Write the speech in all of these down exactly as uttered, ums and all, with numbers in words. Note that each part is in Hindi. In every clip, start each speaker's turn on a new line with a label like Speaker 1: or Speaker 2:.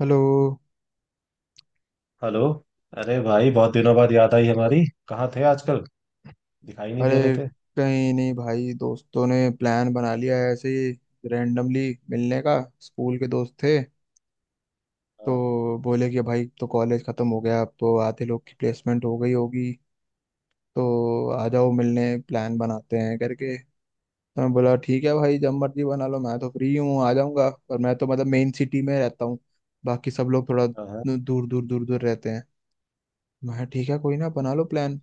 Speaker 1: हेलो।
Speaker 2: हेलो। अरे भाई बहुत दिनों बाद याद आई हमारी। कहाँ थे आजकल? दिखाई नहीं दे रहे
Speaker 1: अरे
Speaker 2: थे।
Speaker 1: कहीं नहीं भाई, दोस्तों ने प्लान बना लिया है ऐसे ही रैंडमली मिलने का। स्कूल के दोस्त थे,
Speaker 2: हाँ।
Speaker 1: तो बोले कि भाई तो कॉलेज खत्म हो गया, अब तो आधे लोग की प्लेसमेंट हो गई होगी, तो आ जाओ मिलने, प्लान बनाते हैं करके। तो मैं बोला ठीक है भाई, जब मर्जी बना लो, मैं तो फ्री हूँ, आ जाऊंगा, पर मैं तो मतलब मेन सिटी में रहता हूँ, बाकी सब लोग थोड़ा
Speaker 2: हाँ।
Speaker 1: दूर दूर दूर दूर रहते हैं। मैं ठीक है कोई ना, बना लो प्लान।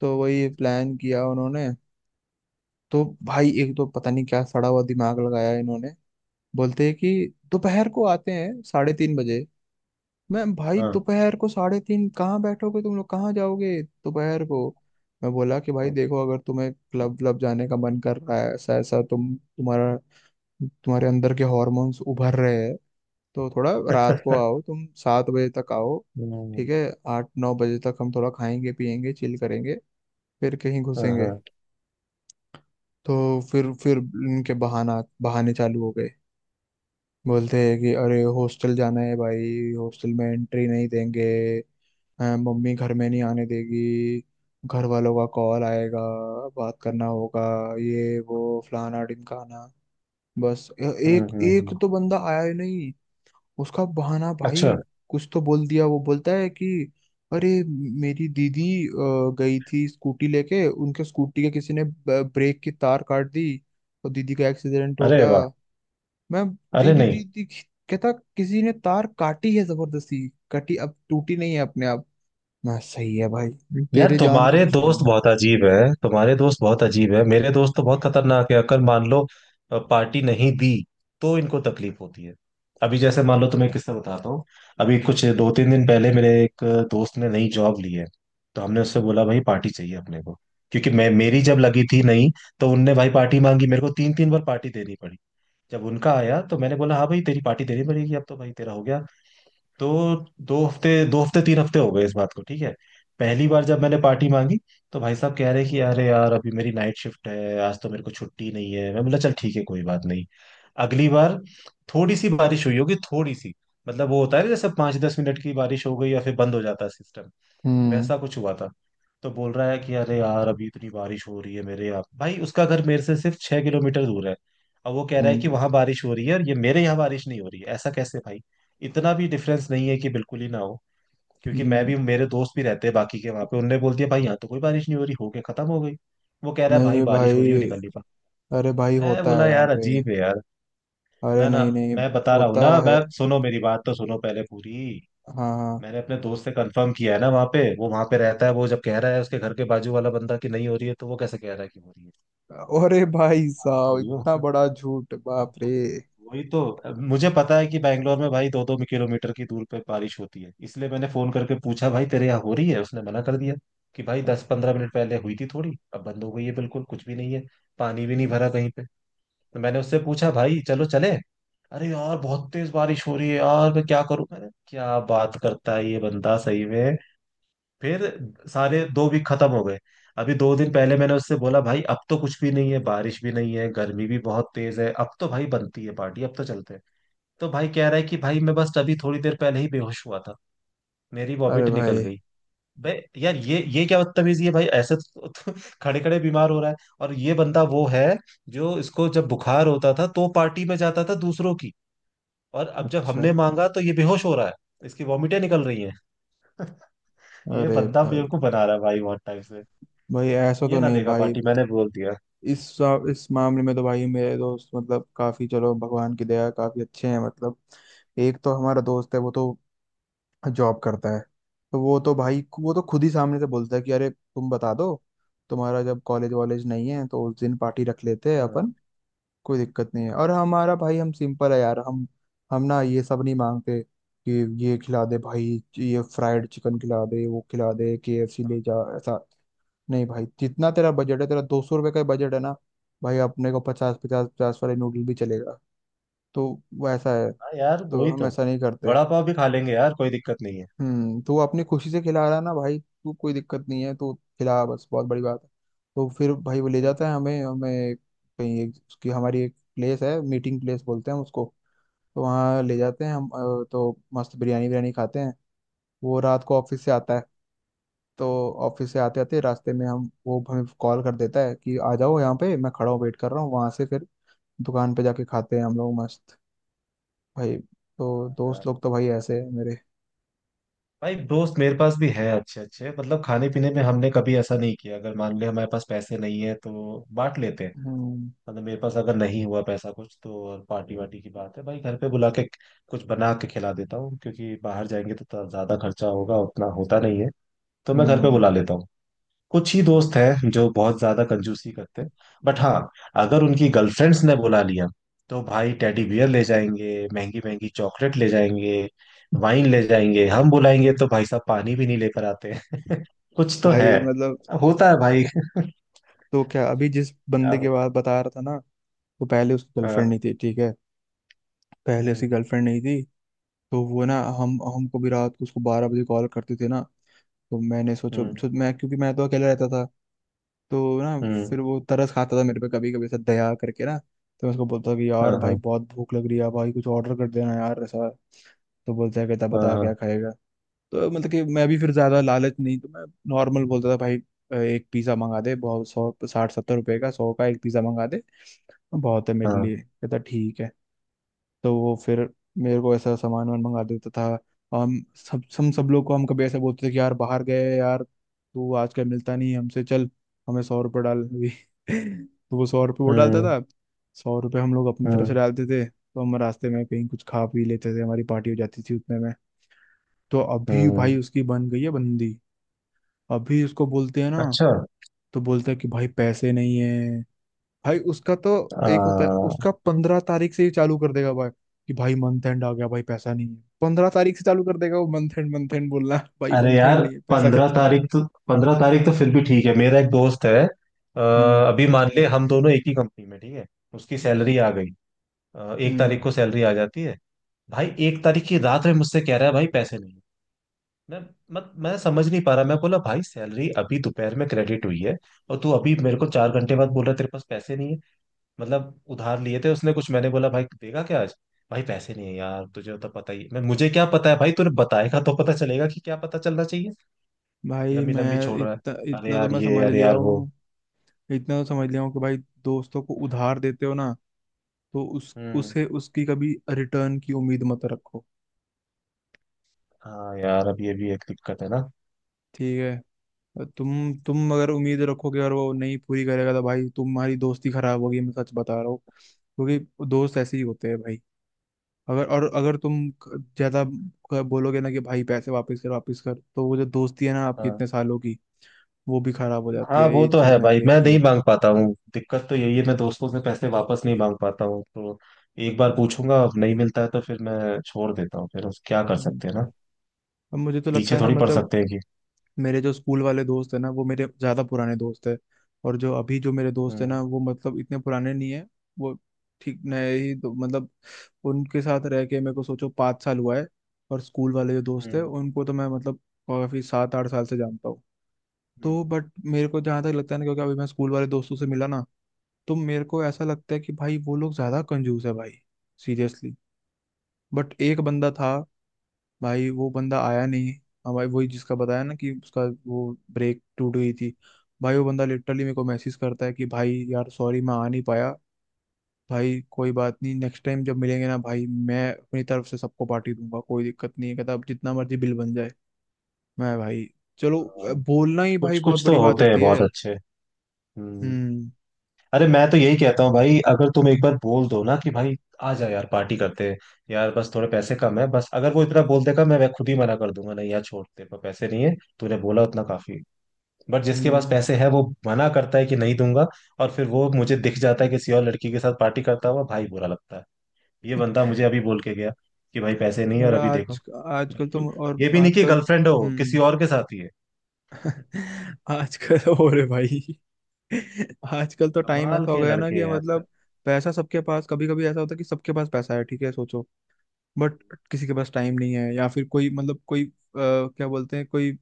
Speaker 1: तो वही प्लान किया उन्होंने। तो भाई एक तो पता नहीं क्या सड़ा हुआ दिमाग लगाया इन्होंने। बोलते हैं कि दोपहर को आते हैं साढ़े तीन बजे। मैं भाई
Speaker 2: हाँ।
Speaker 1: दोपहर को साढ़े तीन, कहाँ बैठोगे तुम लोग, कहाँ जाओगे दोपहर को। मैं बोला कि भाई देखो, अगर तुम्हें क्लब क्लब जाने का मन कर रहा है, ऐसा ऐसा तुम तुम्हारा तुम्हारे अंदर के हॉर्मोन्स उभर रहे हैं, तो थोड़ा रात को
Speaker 2: हाँ।
Speaker 1: आओ, तुम सात बजे तक आओ। ठीक है, आठ नौ बजे तक हम थोड़ा खाएंगे, पिएंगे, चिल करेंगे, फिर कहीं
Speaker 2: हाँ,
Speaker 1: घुसेंगे।
Speaker 2: हाँ।
Speaker 1: तो फिर फिर इनके बहाना बहाने चालू हो गए। बोलते हैं कि अरे हॉस्टल जाना है भाई, हॉस्टल में एंट्री नहीं देंगे। हाँ, मम्मी घर में नहीं आने देगी, घर वालों का कॉल आएगा, बात करना होगा, ये वो, फलाना ढिमकाना। बस ए-
Speaker 2: हम्म,
Speaker 1: एक
Speaker 2: हम्म,
Speaker 1: एक
Speaker 2: हम्म।
Speaker 1: तो बंदा आया ही नहीं। उसका बहाना भाई,
Speaker 2: अच्छा।
Speaker 1: कुछ तो बोल दिया। वो बोलता है कि अरे मेरी दीदी अ, गई थी स्कूटी लेके, उनके स्कूटी के किसी ने ब- ब्रेक की तार काट दी और दीदी का एक्सीडेंट हो
Speaker 2: अरे
Speaker 1: गया।
Speaker 2: वाह।
Speaker 1: मैं
Speaker 2: अरे
Speaker 1: तेरी
Speaker 2: नहीं।
Speaker 1: दीदी, कहता किसी ने तार काटी है जबरदस्ती, कटी, अब टूटी नहीं है अपने आप। मैं सही है भाई,
Speaker 2: यार
Speaker 1: तेरे जान के
Speaker 2: तुम्हारे दोस्त
Speaker 1: दुश्मन।
Speaker 2: बहुत अजीब है, तुम्हारे दोस्त बहुत अजीब है, मेरे दोस्त तो बहुत खतरनाक है। अगर मान लो अ, पार्टी नहीं दी तो इनको तकलीफ होती है। अभी जैसे मान लो, तुम्हें किस्सा बताता हूँ। अभी कुछ दो तीन दिन पहले मेरे एक दोस्त ने नई जॉब ली है। तो हमने उससे बोला भाई पार्टी चाहिए अपने को। क्योंकि मैं, मेरी जब लगी थी नहीं, तो उनने भाई पार्टी मांगी मेरे को, तीन तीन बार पार्टी देनी पड़ी। जब उनका आया तो मैंने बोला हाँ भाई, तेरी पार्टी देनी पड़ेगी, अब तो भाई तेरा हो गया। तो दो हफ्ते, दो हफ्ते, तीन हफ्ते हो गए इस बात को, ठीक है। पहली बार जब मैंने पार्टी मांगी तो भाई साहब कह रहे कि अरे यार अभी मेरी नाइट शिफ्ट है, आज तो मेरे को छुट्टी नहीं है। मैं बोला चल ठीक है, कोई बात नहीं। अगली बार थोड़ी सी बारिश हुई होगी, थोड़ी सी, मतलब वो होता है ना, जैसे पाँच दस मिनट की बारिश हो गई या फिर बंद हो जाता है सिस्टम,
Speaker 1: हम्म
Speaker 2: वैसा कुछ हुआ था। तो बोल रहा है कि अरे यार अभी इतनी बारिश हो रही है मेरे यहाँ। भाई उसका घर मेरे से सिर्फ छह किलोमीटर दूर है। अब वो कह रहा है
Speaker 1: हम्म
Speaker 2: कि वहां बारिश हो रही है और ये मेरे यहाँ बारिश नहीं हो रही है, ऐसा कैसे भाई? इतना भी डिफरेंस नहीं है कि बिल्कुल ही ना हो। क्योंकि मैं भी,
Speaker 1: हम्म।
Speaker 2: मेरे दोस्त भी रहते हैं बाकी के वहां पे, उनने बोल दिया भाई यहाँ तो कोई बारिश नहीं हो रही, होके खत्म हो गई। वो कह रहा है भाई
Speaker 1: नहीं
Speaker 2: बारिश हो
Speaker 1: भाई,
Speaker 2: रही है, मैं निकल नहीं पा।
Speaker 1: अरे भाई
Speaker 2: मैं
Speaker 1: होता
Speaker 2: बोला
Speaker 1: है यहाँ
Speaker 2: यार
Speaker 1: पे।
Speaker 2: अजीब है यार।
Speaker 1: अरे
Speaker 2: ना, ना।
Speaker 1: नहीं नहीं,
Speaker 2: मैं बता रहा हूँ
Speaker 1: होता
Speaker 2: ना, मैं
Speaker 1: है।
Speaker 2: सुनो, मेरी बात तो सुनो पहले पूरी।
Speaker 1: हाँ हाँ,
Speaker 2: मैंने अपने दोस्त से कंफर्म किया है ना, वहाँ पे, वो वहाँ पे रहता है, वो जब कह रहा है, उसके घर के बाजू वाला बंदा कि नहीं हो रही है, तो वो कैसे कह रहा है कि हो रही है?
Speaker 1: अरे भाई
Speaker 2: पागल
Speaker 1: साहब
Speaker 2: थोड़ी हो।
Speaker 1: इतना बड़ा झूठ, बाप रे।
Speaker 2: वो- वही तो। अब मुझे पता है कि बैंगलोर में भाई दो दो किलोमीटर की दूर पे बारिश होती है, इसलिए मैंने फोन करके पूछा भाई तेरे यहाँ हो रही है, उसने मना कर दिया कि भाई दस पंद्रह मिनट पहले हुई थी थोड़ी, अब बंद हो गई है, बिल्कुल कुछ भी नहीं है, पानी भी नहीं
Speaker 1: हम्म,
Speaker 2: भरा कहीं पे। तो मैंने उससे पूछा भाई चलो चले। अरे यार बहुत तेज बारिश हो रही है यार, मैं क्या करूं। मैंने, क्या बात करता है ये बंदा सही में। फिर सारे दो वीक खत्म हो गए। अभी दो दिन पहले मैंने उससे बोला भाई अब तो कुछ भी नहीं है, बारिश भी नहीं है, गर्मी भी बहुत तेज है, अब तो भाई बनती है पार्टी, अब तो चलते हैं। तो भाई कह रहा है कि भाई मैं बस अभी थोड़ी देर पहले ही बेहोश हुआ था, मेरी
Speaker 1: अरे
Speaker 2: वॉमिट निकल
Speaker 1: भाई,
Speaker 2: गई। बे यार, ये ये क्या बदतमीजी है भाई, ऐसे तो, तो तो खड़े खड़े बीमार हो रहा है। और ये बंदा वो है जो इसको जब बुखार होता था तो पार्टी में जाता था दूसरों की, और अब जब
Speaker 1: अच्छा,
Speaker 2: हमने मांगा तो ये बेहोश हो रहा है, इसकी वॉमिटें निकल रही हैं। ये
Speaker 1: अरे
Speaker 2: बंदा बेवकूफ
Speaker 1: भाई,
Speaker 2: बना रहा है भाई बहुत टाइम से।
Speaker 1: भाई ऐसा तो
Speaker 2: ये ना
Speaker 1: नहीं
Speaker 2: देगा
Speaker 1: भाई।
Speaker 2: पार्टी, मैंने बोल दिया।
Speaker 1: इस सा- इस मामले में तो भाई मेरे दोस्त मतलब काफी, चलो भगवान की दया है, काफी अच्छे हैं मतलब। एक तो हमारा दोस्त है, वो तो जॉब करता है, तो वो तो भाई वो तो खुद ही सामने से बोलता है कि अरे तुम बता दो, तुम्हारा जब कॉलेज वॉलेज नहीं है तो उस दिन पार्टी रख लेते हैं
Speaker 2: हाँ, हाँ।
Speaker 1: अपन, कोई दिक्कत नहीं है। और हमारा भाई, हम सिंपल है यार, हम हम ना ये सब नहीं मांगते कि ये खिला दे भाई, ये फ्राइड चिकन खिला दे, वो खिला दे, के एफ सी ले जा, ऐसा नहीं भाई। जितना तेरा बजट है, तेरा दो सौ रुपये का बजट है ना भाई, अपने को पचास पचास पचास वाले नूडल भी चलेगा। तो वैसा है,
Speaker 2: हाँ यार
Speaker 1: तो
Speaker 2: वही
Speaker 1: हम
Speaker 2: तो।
Speaker 1: ऐसा नहीं करते।
Speaker 2: वड़ा पाव भी खा लेंगे यार, कोई दिक्कत नहीं है।
Speaker 1: हम्म, तू अपनी खुशी से खिला रहा है ना भाई तू, कोई दिक्कत नहीं है, तू खिला बस, बहुत बड़ी बात है। तो फिर भाई वो ले
Speaker 2: वही तो।
Speaker 1: जाता है हमें हमें कहीं, एक उसकी हमारी एक प्लेस है, मीटिंग प्लेस बोलते हैं उसको, तो वहाँ ले जाते हैं हम। अ, तो मस्त बिरयानी बिरयानी खाते हैं। वो रात को ऑफिस से आता है, तो ऑफिस से आते आते रास्ते में हम वो हमें कॉल कर देता है कि आ जाओ यहाँ पे, मैं खड़ा हूँ, वेट कर रहा हूँ। वहां से फिर दुकान पे जाके खाते हैं हम लोग मस्त भाई। तो
Speaker 2: हाँ
Speaker 1: दोस्त
Speaker 2: यार।
Speaker 1: लोग तो भाई ऐसे हैं मेरे।
Speaker 2: भाई दोस्त मेरे पास भी है अच्छे अच्छे, मतलब खाने पीने में हमने कभी ऐसा नहीं किया, अगर मान ले हमारे पास पैसे नहीं है तो बांट लेते हैं।
Speaker 1: हम्म
Speaker 2: मतलब मेरे पास अगर नहीं हुआ पैसा कुछ तो, और पार्टी वार्टी की बात है भाई, घर पे बुला के कुछ बना के खिला देता हूँ, क्योंकि बाहर जाएंगे तो थोड़ा ज्यादा खर्चा होगा, उतना होता नहीं है, तो मैं घर पे
Speaker 1: हम्म,
Speaker 2: बुला लेता हूँ। कुछ ही दोस्त हैं जो बहुत ज्यादा कंजूसी करते हैं, बट हाँ, अगर उनकी गर्लफ्रेंड्स ने बुला लिया तो भाई टेडी बियर ले जाएंगे, महंगी महंगी चॉकलेट ले जाएंगे, वाइन ले जाएंगे, हम बुलाएंगे तो भाई साहब पानी भी नहीं लेकर आते हैं। कुछ तो है।
Speaker 1: भाई मतलब,
Speaker 2: होता है भाई।
Speaker 1: तो क्या अभी जिस
Speaker 2: क्या
Speaker 1: बंदे के
Speaker 2: बो-
Speaker 1: बात बता रहा था ना, तो पहले उसकी गर्लफ्रेंड
Speaker 2: हाँ।
Speaker 1: नहीं थी, ठीक है। पहले उसकी
Speaker 2: हम्म,
Speaker 1: गर्लफ्रेंड नहीं थी, तो वो ना हम हमको भी रात को उसको बारह बजे कॉल करते थे ना। तो मैंने सोचो
Speaker 2: हम्म।
Speaker 1: सो, मैं क्योंकि मैं तो अकेला रहता था, तो ना
Speaker 2: हम्म,
Speaker 1: फिर वो तरस खाता था मेरे पे, कभी कभी ऐसा दया करके ना। तो मैं उसको बोलता कि
Speaker 2: हाँ।
Speaker 1: यार भाई
Speaker 2: हाँ,
Speaker 1: बहुत भूख लग रही है भाई, कुछ ऑर्डर कर देना यार, ऐसा। तो बोलता है, कहता
Speaker 2: हाँ,
Speaker 1: बता क्या
Speaker 2: हाँ,
Speaker 1: खाएगा। तो मतलब कि मैं भी फिर ज्यादा लालच नहीं, तो मैं नॉर्मल बोलता था भाई, अ, एक पिज्जा मंगा दे, बहुत, सौ साठ सत्तर रुपए का, सौ का एक पिज्जा मंगा दे, बहुत है मेरे
Speaker 2: हाँ।
Speaker 1: लिए। कहता ठीक है। तो वो फिर मेरे को ऐसा सामान वामान मंगा देता था। हम सब हम सब लोग को, हम कभी ऐसा बोलते थे कि यार बाहर गए यार, तू आजकल मिलता नहीं है हमसे, चल हमें सौ रुपये डाल अभी, तो वो सौ रुपये वो डालता
Speaker 2: हम्म,
Speaker 1: था। सौ रुपये हम लोग अपनी तरफ से
Speaker 2: हम्म,
Speaker 1: डालते थे, तो हम रास्ते में कहीं कुछ खा पी लेते थे, हमारी पार्टी हो जाती थी उतने में। तो अभी भाई
Speaker 2: हम्म।
Speaker 1: उसकी बन गई है बंदी। अभी उसको बोलते हैं ना,
Speaker 2: अच्छा।
Speaker 1: तो बोलता है कि भाई पैसे नहीं है। भाई उसका तो एक होता है उसका, पंद्रह तारीख से ही चालू कर देगा भाई कि भाई मंथ एंड आ गया, भाई पैसा नहीं है। पंद्रह तारीख से चालू कर देगा वो, मंथ एंड मंथ एंड बोलना भाई,
Speaker 2: अरे
Speaker 1: मंथ एंड
Speaker 2: यार,
Speaker 1: नहीं है, पैसा
Speaker 2: पंद्रह
Speaker 1: खत्म।
Speaker 2: तारीख तो, पंद्रह तारीख तो फिर भी ठीक है। मेरा एक दोस्त है, अ,
Speaker 1: हम्म
Speaker 2: अभी मान ले हम दोनों एक ही कंपनी में, ठीक है। उसकी सैलरी आ गई। अ, एक तारीख
Speaker 1: हम्म,
Speaker 2: को सैलरी आ जाती है। भाई एक तारीख की रात में मुझसे कह रहा है भाई पैसे नहीं। मैं मत मैं समझ नहीं पा रहा। मैं बोला भाई सैलरी अभी दोपहर में क्रेडिट हुई है, और तू अभी मेरे को चार घंटे बाद बोल रहा है, तेरे पास पैसे नहीं है? मतलब उधार लिए थे उसने कुछ, मैंने बोला भाई देगा क्या आज। भाई पैसे नहीं है यार, तुझे तो पता ही। मैं, मुझे क्या पता है भाई, तूने बताएगा तो पता चलेगा कि क्या पता चलना चाहिए।
Speaker 1: भाई
Speaker 2: लंबी लंबी
Speaker 1: मैं
Speaker 2: छोड़ रहा है।
Speaker 1: इतना
Speaker 2: अरे
Speaker 1: इतना तो
Speaker 2: यार
Speaker 1: मैं
Speaker 2: ये,
Speaker 1: समझ
Speaker 2: अरे
Speaker 1: लिया
Speaker 2: यार वो।
Speaker 1: हूँ, इतना तो समझ लिया हूँ कि भाई, दोस्तों को उधार देते हो ना, तो उस
Speaker 2: हम्म।
Speaker 1: उसे उसकी कभी रिटर्न की उम्मीद मत रखो।
Speaker 2: हाँ यार, अब ये भी एक दिक्कत है ना।
Speaker 1: ठीक है, तुम तुम अगर उम्मीद रखोगे और वो नहीं पूरी करेगा, तो भाई तुम्हारी दोस्ती खराब होगी। मैं सच बता रहा हूँ, क्योंकि दोस्त ऐसे ही होते हैं भाई। अगर और अगर तुम क- ज्यादा क- बोलोगे ना कि भाई पैसे वापस कर वापस कर, तो वो जो दोस्ती है ना आपकी,
Speaker 2: हाँ,
Speaker 1: इतने सालों की वो भी खराब हो जाती
Speaker 2: हाँ,
Speaker 1: है।
Speaker 2: वो
Speaker 1: ये
Speaker 2: तो
Speaker 1: चीज
Speaker 2: है
Speaker 1: मैंने
Speaker 2: भाई, मैं
Speaker 1: देखी
Speaker 2: नहीं
Speaker 1: है।
Speaker 2: मांग पाता हूँ। दिक्कत तो यही है, मैं दोस्तों से पैसे वापस नहीं मांग पाता हूँ, तो एक बार पूछूंगा, अब नहीं मिलता है तो फिर मैं छोड़ देता हूँ, फिर उस क्या कर
Speaker 1: हम्म।
Speaker 2: सकते हैं ना,
Speaker 1: अब मुझे तो लगता
Speaker 2: पीछे
Speaker 1: है ना
Speaker 2: थोड़ी पड़
Speaker 1: मतलब,
Speaker 2: सकते हैं कि।
Speaker 1: मेरे जो स्कूल वाले दोस्त है ना वो मेरे ज़्यादा पुराने दोस्त है, और जो अभी जो मेरे दोस्त है
Speaker 2: हम्म,
Speaker 1: ना वो मतलब इतने पुराने नहीं है। वो ठीक नए ही दो- मतलब, उनके साथ रह के मेरे को सोचो पाँच साल हुआ है, और स्कूल वाले जो दोस्त है
Speaker 2: हम्म,
Speaker 1: उनको तो मैं मतलब काफ़ी सात आठ साल से जानता हूँ।
Speaker 2: हम्म,
Speaker 1: तो बट मेरे को जहाँ तक लगता है ना, क्योंकि अभी मैं स्कूल वाले दोस्तों से मिला ना, तो मेरे को ऐसा लगता है कि भाई वो लोग ज़्यादा कंजूस है भाई, सीरियसली। बट एक बंदा था भाई, वो बंदा आया नहीं। हाँ भाई वही, जिसका बताया ना कि उसका वो ब्रेक टूट गई थी, भाई वो बंदा लिटरली मेरे को
Speaker 2: हम्म।
Speaker 1: मैसेज करता है कि भाई यार सॉरी मैं आ नहीं पाया भाई, कोई बात नहीं, नेक्स्ट टाइम जब मिलेंगे ना भाई, मैं अपनी तरफ से सबको पार्टी दूंगा, कोई दिक्कत नहीं है। कहता अब जितना मर्जी बिल बन जाए। मैं भाई चलो, अ,
Speaker 2: हाँ।
Speaker 1: बोलना ही भाई
Speaker 2: कुछ
Speaker 1: बहुत
Speaker 2: कुछ तो
Speaker 1: बड़ी बात
Speaker 2: होते हैं
Speaker 1: होती है।
Speaker 2: बहुत अच्छे। हम्म।
Speaker 1: हम्म
Speaker 2: अरे मैं तो यही कहता हूँ भाई, अगर तुम एक बार बोल दो ना कि भाई आ जा यार पार्टी करते हैं, यार बस थोड़े पैसे कम है बस, अगर वो इतना बोल देगा, मैं मैं खुद ही मना कर दूंगा, नहीं यार छोड़, तेरे पर पैसे नहीं है, तूने बोला उतना काफी। बट जिसके पास
Speaker 1: हम्म,
Speaker 2: पैसे है वो मना करता है कि नहीं दूंगा, और फिर वो मुझे दिख जाता है किसी और लड़की के साथ पार्टी करता हुआ, भाई बुरा लगता है। ये बंदा मुझे अभी बोल के गया कि भाई पैसे नहीं है,
Speaker 1: और
Speaker 2: और अभी
Speaker 1: आज,
Speaker 2: देखो,
Speaker 1: आजकल तो, और
Speaker 2: ये भी नहीं कि
Speaker 1: आजकल,
Speaker 2: गर्लफ्रेंड हो, किसी
Speaker 1: हम्म,
Speaker 2: और के साथ ही है।
Speaker 1: आजकल और है भाई। आजकल तो टाइम
Speaker 2: कमाल
Speaker 1: ऐसा हो
Speaker 2: के
Speaker 1: गया ना
Speaker 2: लड़के
Speaker 1: कि
Speaker 2: हैं
Speaker 1: मतलब,
Speaker 2: आजकल।
Speaker 1: पैसा सबके पास, कभी कभी ऐसा होता है कि सबके पास पैसा है ठीक है सोचो, बट किसी के पास टाइम नहीं है, या फिर कोई मतलब कोई अ, क्या बोलते हैं, कोई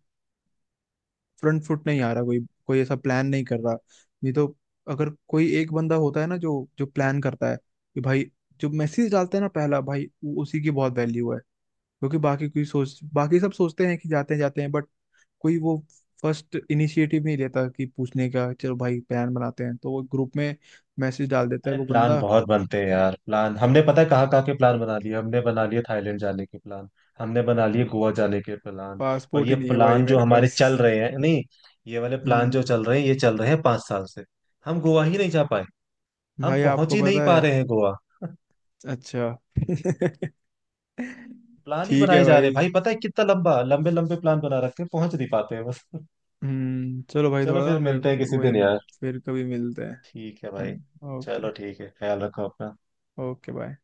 Speaker 1: फ्रंट फुट नहीं आ रहा, कोई कोई ऐसा प्लान नहीं कर रहा। नहीं तो अगर कोई एक बंदा होता है ना जो जो प्लान करता है कि भाई, जो मैसेज डालते हैं ना पहला भाई उ- उसी की बहुत वैल्यू है। क्योंकि बाकी कोई सोच बाकी सब सोचते हैं कि जाते हैं जाते हैं, बट कोई वो फर्स्ट इनिशिएटिव नहीं लेता कि पूछने का चलो भाई प्लान बनाते हैं, तो वो ग्रुप में मैसेज डाल देता है
Speaker 2: अरे
Speaker 1: वो
Speaker 2: प्लान
Speaker 1: बंदा।
Speaker 2: बहुत बनते हैं यार, प्लान हमने पता है कहाँ कहाँ के प्लान बना लिए, हमने बना लिए थाईलैंड जाने के प्लान, हमने बना लिए गोवा जाने के प्लान। और
Speaker 1: पासपोर्ट
Speaker 2: ये
Speaker 1: ही नहीं है भाई
Speaker 2: प्लान जो
Speaker 1: मेरे
Speaker 2: हमारे
Speaker 1: पास।
Speaker 2: चल रहे हैं नहीं, ये वाले प्लान
Speaker 1: हम्म,
Speaker 2: जो चल रहे हैं, ये चल रहे हैं पांच साल से, हम गोवा ही नहीं जा पाए, हम
Speaker 1: भाई
Speaker 2: पहुंच
Speaker 1: आपको
Speaker 2: ही नहीं
Speaker 1: पता
Speaker 2: पा
Speaker 1: है।
Speaker 2: रहे हैं गोवा।
Speaker 1: अच्छा,
Speaker 2: प्लान ही
Speaker 1: ठीक है
Speaker 2: बनाए जा रहे
Speaker 1: भाई।
Speaker 2: हैं भाई, पता है कितना लंबा, लंबे लंबे प्लान बना रखे हैं, पहुंच नहीं पाते हैं बस।
Speaker 1: हम्म चलो भाई
Speaker 2: चलो
Speaker 1: थोड़ा ना
Speaker 2: फिर
Speaker 1: मैं,
Speaker 2: मिलते हैं किसी
Speaker 1: वही
Speaker 2: दिन यार।
Speaker 1: फिर कभी मिलते हैं।
Speaker 2: ठीक है भाई।
Speaker 1: हम्म, ओके,
Speaker 2: चलो ठीक है, ख्याल रखो अपना।
Speaker 1: Okay bye.